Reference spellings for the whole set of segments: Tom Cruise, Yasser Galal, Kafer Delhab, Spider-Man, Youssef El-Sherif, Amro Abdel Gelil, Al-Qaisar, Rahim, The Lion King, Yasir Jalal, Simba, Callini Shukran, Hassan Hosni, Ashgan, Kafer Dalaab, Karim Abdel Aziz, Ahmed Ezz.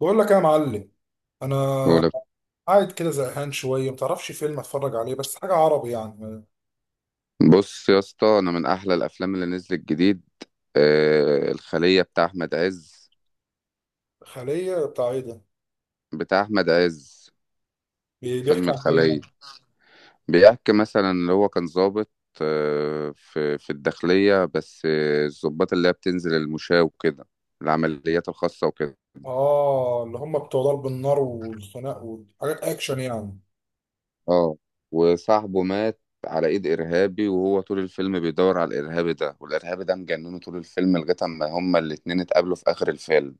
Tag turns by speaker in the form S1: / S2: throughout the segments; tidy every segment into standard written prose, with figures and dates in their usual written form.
S1: بقول لك يا معلم. انا.
S2: ولا،
S1: مم. قاعد كده زهقان شويه، متعرفش فيلم اتفرج عليه؟ بس حاجه عربي يعني.
S2: بص يا اسطى، انا من احلى الافلام اللي نزلت جديد الخلية بتاع احمد عز.
S1: خليه بتاع ايه ده؟
S2: بتاع احمد عز. فيلم
S1: بيحكي عن ايه
S2: الخلية
S1: يعني؟
S2: بيحكي مثلا اللي هو كان ضابط في الداخلية، بس الضباط اللي هي بتنزل المشاة وكده، العمليات الخاصة وكده.
S1: اه، اللي هم بتوع ضرب النار والخناق وحاجات اكشن يعني.
S2: اه، وصاحبه مات على ايد ارهابي، وهو طول الفيلم بيدور على الارهابي ده، والارهابي ده مجنونه طول الفيلم لغايه اما هما الاتنين اتقابلوا في اخر الفيلم.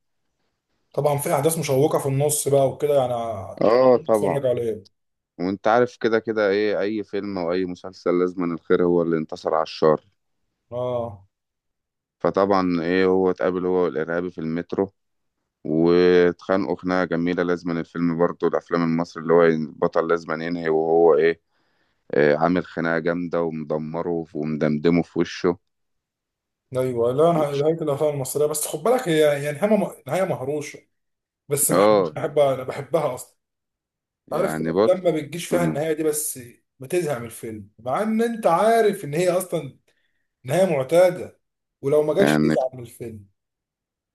S1: طبعا في احداث مشوقه في النص بقى وكده يعني.
S2: اه، طبعا.
S1: اتفرج عليه.
S2: وانت عارف كده كده، ايه اي فيلم او اي مسلسل لازم أن الخير هو اللي انتصر على الشر.
S1: اه
S2: فطبعا، ايه هو اتقابل هو والارهابي في المترو واتخانقوا خناقه جميله. لازم أن الفيلم برضه الافلام المصري اللي هو البطل لازم أن ينهي وهو إيه عامل خناقه جامده ومدمره ومدمدمه في وشه.
S1: ايوه، لا انا نهايه الافلام المصريه، بس خد بالك هي يعني نهايه مهروشه بس محبوب
S2: اه.
S1: بحبها، انا بحبها اصلا. عارف، في
S2: يعني
S1: افلام
S2: بص.
S1: ما بتجيش فيها
S2: مم.
S1: النهايه دي، بس بتزهق من الفيلم مع ان انت عارف ان هي اصلا نهايه معتاده، ولو ما جاتش
S2: يعني
S1: تزعل من الفيلم.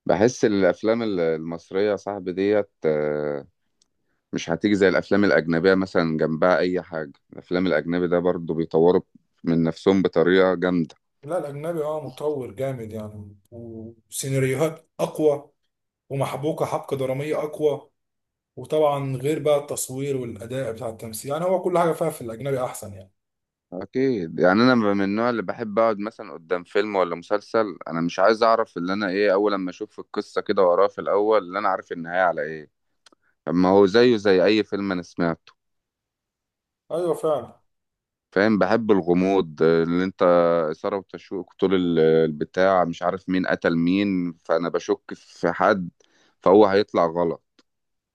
S2: بحس الافلام المصريه يا صاحبي ديت مش هتيجي زي الافلام الاجنبيه، مثلا جنبها اي حاجه. الافلام الاجنبي ده برضو بيطوروا من نفسهم بطريقه جامده.
S1: لا، الاجنبي اه مطور جامد يعني، وسيناريوهات اقوى، ومحبوكه حبكه دراميه اقوى، وطبعا غير بقى التصوير والاداء بتاع التمثيل، يعني هو كل حاجه فيها في الاجنبي احسن يعني.
S2: اكيد. يعني انا من النوع اللي بحب اقعد مثلا قدام فيلم ولا مسلسل، انا مش عايز اعرف اللي انا ايه اول لما اشوف القصه كده واقراها في الاول اللي انا عارف النهايه على ايه، اما هو زيه زي اي فيلم انا سمعته.
S1: ايوه فعلا.
S2: فاهم؟ بحب الغموض، اللي انت اثاره وتشويق طول البتاع، مش عارف مين قتل مين، فانا بشك في حد فهو هيطلع غلط.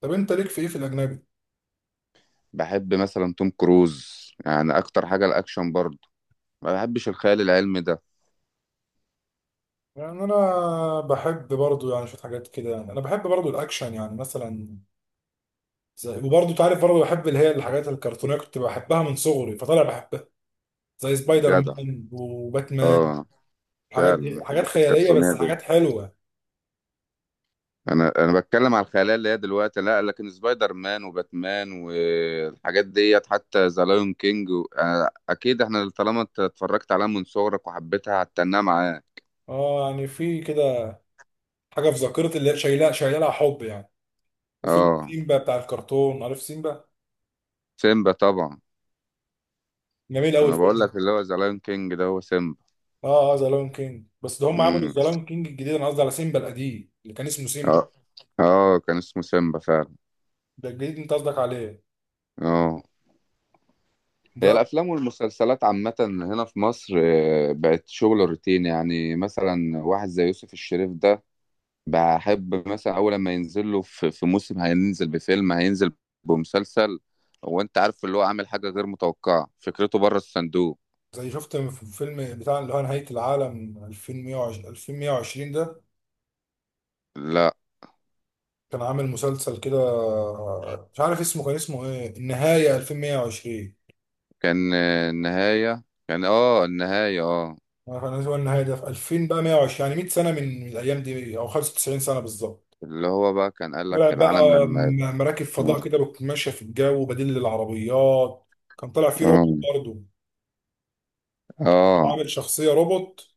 S1: طب انت ليك في ايه في الاجنبي؟
S2: بحب مثلا توم كروز، يعني اكتر حاجه الاكشن برضه، ما بحبش الخيال العلمي ده.
S1: يعني انا بحب برضو يعني شويه حاجات كده، يعني انا بحب برضو الاكشن يعني مثلا، زي وبرضه انت عارف برضه بحب اللي هي الحاجات الكرتونيه، كنت بحبها من صغري فطالع بحبها، زي سبايدر
S2: جدع.
S1: مان وباتمان.
S2: اه.
S1: الحاجات
S2: فعلا،
S1: دي حاجات
S2: الحاجات
S1: خياليه،
S2: الكرتونيه
S1: بس
S2: دي،
S1: حاجات حلوه.
S2: انا بتكلم على الخيال اللي هي دلوقتي، لا، لكن سبايدر مان وباتمان والحاجات ديت، حتى ذا لايون كينج أنا اكيد احنا طالما انت اتفرجت عليها من صغرك وحبيتها هتتناها معاه.
S1: اه يعني في كده حاجه في ذاكرتي اللي هي شايلها شايلها لها حب يعني. وفيلم
S2: اه.
S1: سيمبا بتاع الكرتون، عارف سيمبا؟
S2: سيمبا طبعا.
S1: جميل قوي
S2: انا
S1: الفيلم
S2: بقول
S1: ده.
S2: لك اللي هو ذا لايون كينج ده هو سيمبا.
S1: اه اه ذا لايون كينج، بس ده هم عملوا
S2: امم.
S1: ذا لايون كينج الجديد، انا قصدي على سيمبا القديم اللي كان اسمه سيمبا.
S2: اه، اه، كان اسمه سيمبا فعلا.
S1: ده الجديد انت قصدك عليه؟
S2: اه. هي
S1: ده.
S2: الأفلام والمسلسلات عامة هنا في مصر بقت شغل روتين، يعني مثلا واحد زي يوسف الشريف ده، بحب مثلا أول لما ينزل له في موسم، هينزل بفيلم، هينزل بمسلسل، هو أنت عارف اللي هو عامل حاجة غير متوقعة، فكرته بره الصندوق.
S1: زي شفت في فيلم بتاع اللي هو نهايه العالم 2120 2120 ده.
S2: لا.
S1: كان عامل مسلسل كده، مش عارف اسمه، كان اسمه ايه، النهاية 2120.
S2: كان النهاية. كان النهاية.
S1: عارف انا، هو النهاية ده في 2000 بقى 120، يعني 100 سنة من الايام دي او 95 سنة بالظبط.
S2: اللي هو بقى كان قال
S1: طلع
S2: لك العالم
S1: بقى
S2: لما يبقى.
S1: مراكب فضاء كده ماشية في الجو بديل للعربيات. كان طلع فيه روبوت
S2: آه،
S1: برضه.
S2: آه،
S1: وعامل شخصية روبوت.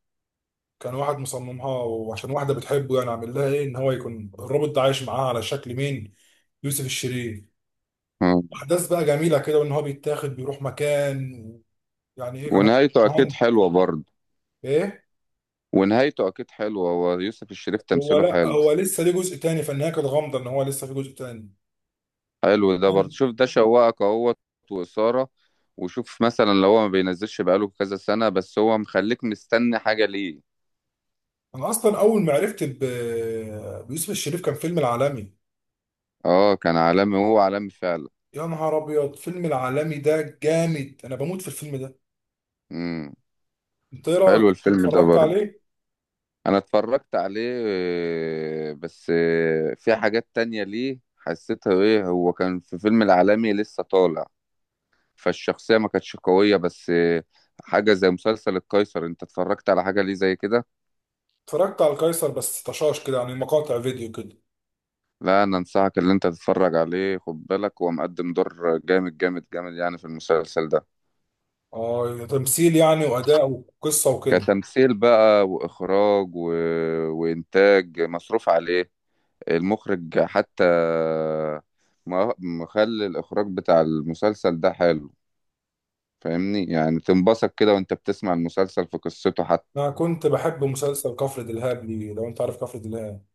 S1: كان واحد مصممها، وعشان واحدة بتحبه يعني عامل لها ايه، ان هو يكون الروبوت ده عايش معاها على شكل مين، يوسف الشريف.
S2: آه.
S1: احداث بقى جميلة كده، وان هو بيتاخد بيروح مكان. يعني ايه كان.
S2: ونهايته
S1: هو.
S2: أكيد حلوة برضه.
S1: ايه.
S2: ونهايته أكيد حلوة، ويوسف الشريف
S1: هو
S2: تمثيله
S1: لا
S2: حلو.
S1: هو لسه ليه جزء تاني، فالنهايه كانت غامضه، ان هو لسه في جزء تاني.
S2: حلو ده برضه،
S1: يعني.
S2: شوف ده شوقك اهوت وإثارة. وشوف مثلا لو هو ما بينزلش بقاله كذا سنة، بس هو مخليك مستني حاجة ليه.
S1: انا اصلا اول ما عرفت بيوسف الشريف كان فيلم العالمي.
S2: اه، كان عالمي، هو عالمي فعلا.
S1: يا نهار ابيض، فيلم العالمي ده جامد، انا بموت في الفيلم ده.
S2: امم.
S1: انت ايه رايك،
S2: حلو الفيلم ده
S1: اتفرجت
S2: برضه.
S1: عليه؟
S2: انا اتفرجت عليه بس في حاجات تانية ليه حسيتها، ايه هو كان في فيلم العالمي لسه طالع، فالشخصية ما كانتش قوية، بس حاجة زي مسلسل القيصر، انت اتفرجت على حاجة ليه زي كده؟
S1: اتفرجت على القيصر بس طشاش كده، يعني مقاطع فيديو كده.
S2: لا، انا انصحك اللي انت تتفرج عليه، خد بالك هو مقدم دور جامد جامد جامد يعني في المسلسل ده.
S1: اه تمثيل يعني واداء وقصه وكده.
S2: كتمثيل بقى واخراج وانتاج مصروف عليه. المخرج حتى مخلي الاخراج بتاع المسلسل ده حلو، فاهمني؟ يعني تنبسط كده وانت بتسمع المسلسل في قصته حتى.
S1: انا كنت بحب مسلسل كفر دلهاب لي، لو انت عارف كفر دلهاب.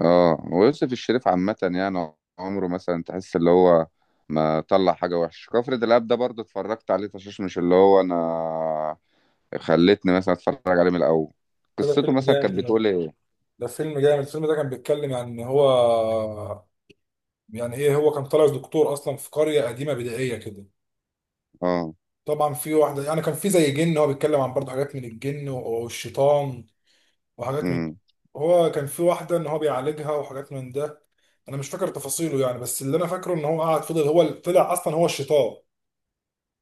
S2: اه. ويوسف الشريف عامة يعني عمره مثلا تحس اللي هو ما طلع حاجة وحشة. كفر دلاب ده برضه اتفرجت عليه فشاش، مش اللي هو انا خلتني مثلا اتفرج عليه من الاول.
S1: ده
S2: قصته
S1: فيلم
S2: مثلا كانت
S1: جامد أوي.
S2: بتقول ايه؟
S1: ده فيلم جامد. الفيلم ده كان بيتكلم عن ان هو، يعني ايه، هو كان طالع دكتور اصلا في قريه قديمه بدائيه كده.
S2: اه.
S1: طبعا في واحده، يعني كان في زي جن، هو بيتكلم عن برضه حاجات من الجن والشيطان وحاجات من.
S2: امم.
S1: هو كان في واحده ان هو بيعالجها وحاجات من ده. انا مش فاكر تفاصيله يعني، بس اللي انا فاكره ان هو قعد فضل هو اللي طلع اصلا هو الشيطان،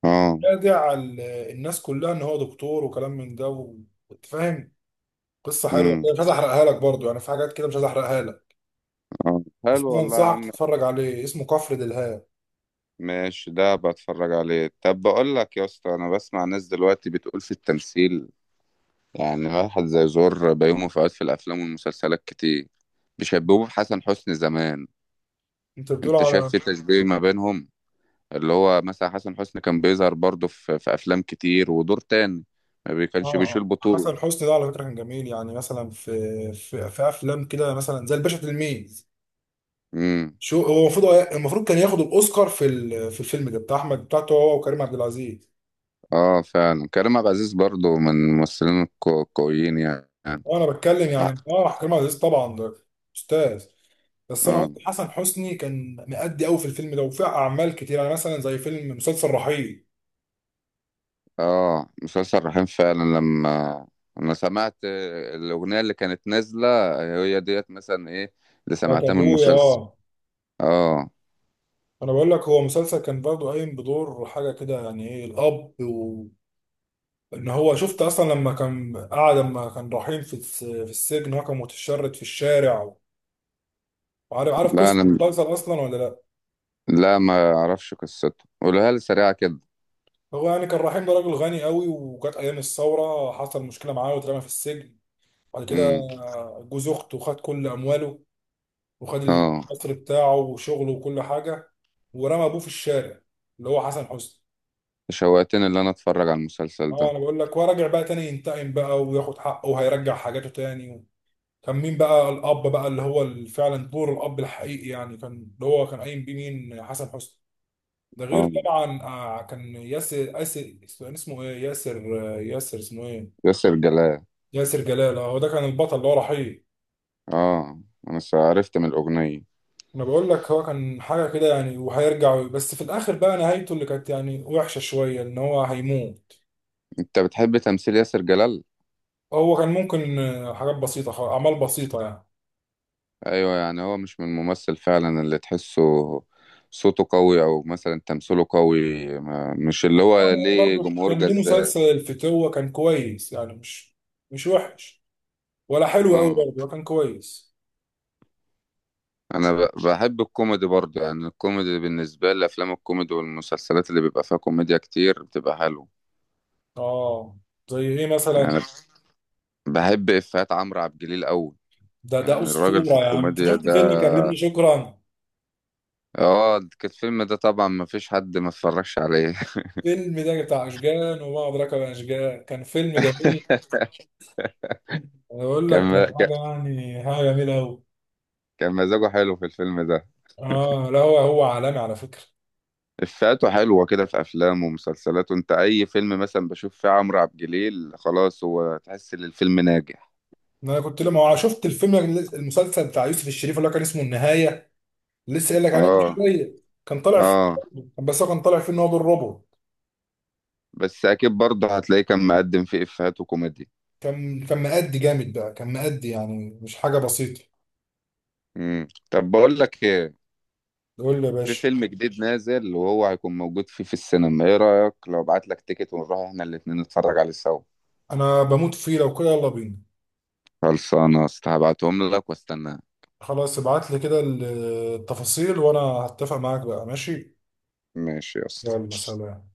S2: اه.
S1: خادع الناس كلها ان هو دكتور وكلام من ده وانت فاهم. قصه حلوه
S2: امم.
S1: كده، مش عايز احرقها لك برضه، يعني في حاجات كده مش عايز احرقها لك.
S2: اه،
S1: بس
S2: حلو
S1: انا
S2: والله يا عم.
S1: انصحك تتفرج عليه، اسمه كفر دلهاب.
S2: ماشي، ده بتفرج عليه. طب بقول لك يا اسطى، انا بسمع ناس دلوقتي بتقول في التمثيل، يعني واحد زي زور بيومه فؤاد في الافلام والمسلسلات كتير بيشبهوه بحسن حسني زمان.
S1: انت بتقول
S2: انت شايف
S1: على؟
S2: في تشبيه ما بينهم؟ اللي هو مثلا حسن حسني كان بيظهر برضه في افلام كتير ودور تاني، ما
S1: اه
S2: كانش بيشيل
S1: آه.
S2: بطولة.
S1: حسن حسني ده على فكره كان جميل، يعني مثلا في في افلام كده مثلا زي الباشا تلميذ.
S2: امم.
S1: شو هو المفروض المفروض كان ياخد الاوسكار في في الفيلم ده بتاع احمد بتاعته، هو وكريم عبد العزيز.
S2: اه، فعلا كريم عبد العزيز برضو من الممثلين القويين يعني.
S1: وانا بتكلم يعني اه كريم عبد العزيز طبعا ده استاذ. بس انا
S2: اه،
S1: قلت حسن حسني كان مأدي قوي في الفيلم ده وفي اعمال كتير، يعني مثلا زي فيلم مسلسل رحيل.
S2: اه، مسلسل رحيم فعلا. لما انا سمعت الاغنيه اللي كانت نازله، هي ديت مثلا ايه اللي
S1: بتاعت
S2: سمعتها من
S1: ابويا
S2: المسلسل.
S1: اه.
S2: اه.
S1: انا بقول لك هو مسلسل كان برضه قايم بدور حاجه كده، يعني ايه، الاب ان هو شفت اصلا، لما كان قاعد لما كان رايحين في في السجن هو كان متشرد في الشارع. وعارف عارف
S2: لا
S1: قصه
S2: انا
S1: المسلسل اصلا ولا لا؟
S2: لا، ما اعرفش قصته، قولها لي سريعه كده.
S1: هو يعني كان رحيم ده راجل غني قوي، وجت ايام الثوره حصل مشكله معاه واترمى في السجن، بعد كده
S2: امم.
S1: جوز اخته خد كل امواله، وخد
S2: اه.
S1: القصر بتاعه وشغله وكل حاجه، ورمى ابوه في الشارع، اللي هو حسن حسني.
S2: شوقتني ان انا اتفرج على المسلسل
S1: اه
S2: ده.
S1: انا بقول لك هو راجع بقى تاني ينتقم بقى وياخد حقه وهيرجع حاجاته تاني. كان مين بقى الاب بقى، اللي هو فعلا دور الاب الحقيقي، يعني كان اللي هو كان قايم بيه مين، حسن حسني. ده غير
S2: اه،
S1: طبعا آه، كان ياسر ياسر، كان اسمه ايه ياسر آه، ياسر اسمه ايه.
S2: ياسر جلال.
S1: ياسر جلال، اه هو ده كان البطل اللي هو رحيل.
S2: اه. انا عرفت من الاغنيه.
S1: انا بقول لك هو كان حاجه كده يعني وهيرجع، بس في الاخر بقى نهايته اللي كانت يعني وحشه شويه، ان هو هيموت.
S2: انت بتحب تمثيل ياسر جلال؟
S1: هو كان ممكن آه، حاجات بسيطه خالص، اعمال بسيطه يعني.
S2: ايوه، يعني هو مش من الممثل فعلا اللي تحسه صوته قوي او مثلا تمثيله قوي، ما مش اللي هو
S1: يعني
S2: ليه
S1: برضه
S2: جمهور
S1: كان ليه
S2: جذاب.
S1: مسلسل الفتوه كان كويس يعني، مش وحش، ولا حلو قوي
S2: اه.
S1: برضه، ولا كان كويس.
S2: انا بحب الكوميدي برضه، يعني الكوميدي بالنسبه لي افلام الكوميدي والمسلسلات اللي بيبقى فيها كوميديا كتير بتبقى حلوه.
S1: اه. زي ايه مثلا؟
S2: يعني بحب افيهات عمرو عبد الجليل قوي.
S1: ده
S2: يعني الراجل في
S1: اسطوره يا عم، انت
S2: الكوميديا
S1: شفت
S2: ده.
S1: فيلم كلمني شكرا؟
S2: اه. الفيلم ده طبعا ما فيش حد ما اتفرجش عليه.
S1: فيلم ده بتاع اشجان، وما ادراك ما اشجان، كان فيلم جميل. انا بقول لك كان
S2: كان كان
S1: حاجه يعني حاجه جميله قوي.
S2: كان مزاجه حلو في الفيلم ده.
S1: اه لا هو عالمي على فكره.
S2: إفيهاته حلوة كده في أفلامه ومسلسلاته، أنت أي فيلم مثلا بشوف فيه عمرو عبد الجليل خلاص هو تحس إن الفيلم ناجح.
S1: انا كنت لما أنا شفت الفيلم المسلسل بتاع يوسف الشريف اللي هو كان اسمه النهايه، لسه قايل لك عليه من
S2: آه،
S1: شويه. كان طالع فيه
S2: آه.
S1: برضه. بس هو كان طالع فيه ان هو دور روبوت.
S2: بس أكيد برضه هتلاقيه كان مقدم فيه إفيهات وكوميديا.
S1: كان مأدي جامد بقى، كان مأدي يعني مش حاجه بسيطه.
S2: مم. طب بقول لك إيه،
S1: قول لي يا
S2: في
S1: باشا.
S2: فيلم جديد نازل وهو هيكون موجود فيه في السينما، إيه رأيك لو أبعت لك تيكت ونروح إحنا الاتنين نتفرج عليه سوا؟
S1: انا بموت فيه لو كده، يلا بينا.
S2: خلصانة يا اسطى، هبعتهم لك واستناك.
S1: خلاص ابعت لي كده التفاصيل وانا هتفق معاك بقى، ماشي؟
S2: ماشي يا اسطى.
S1: يلا سلام.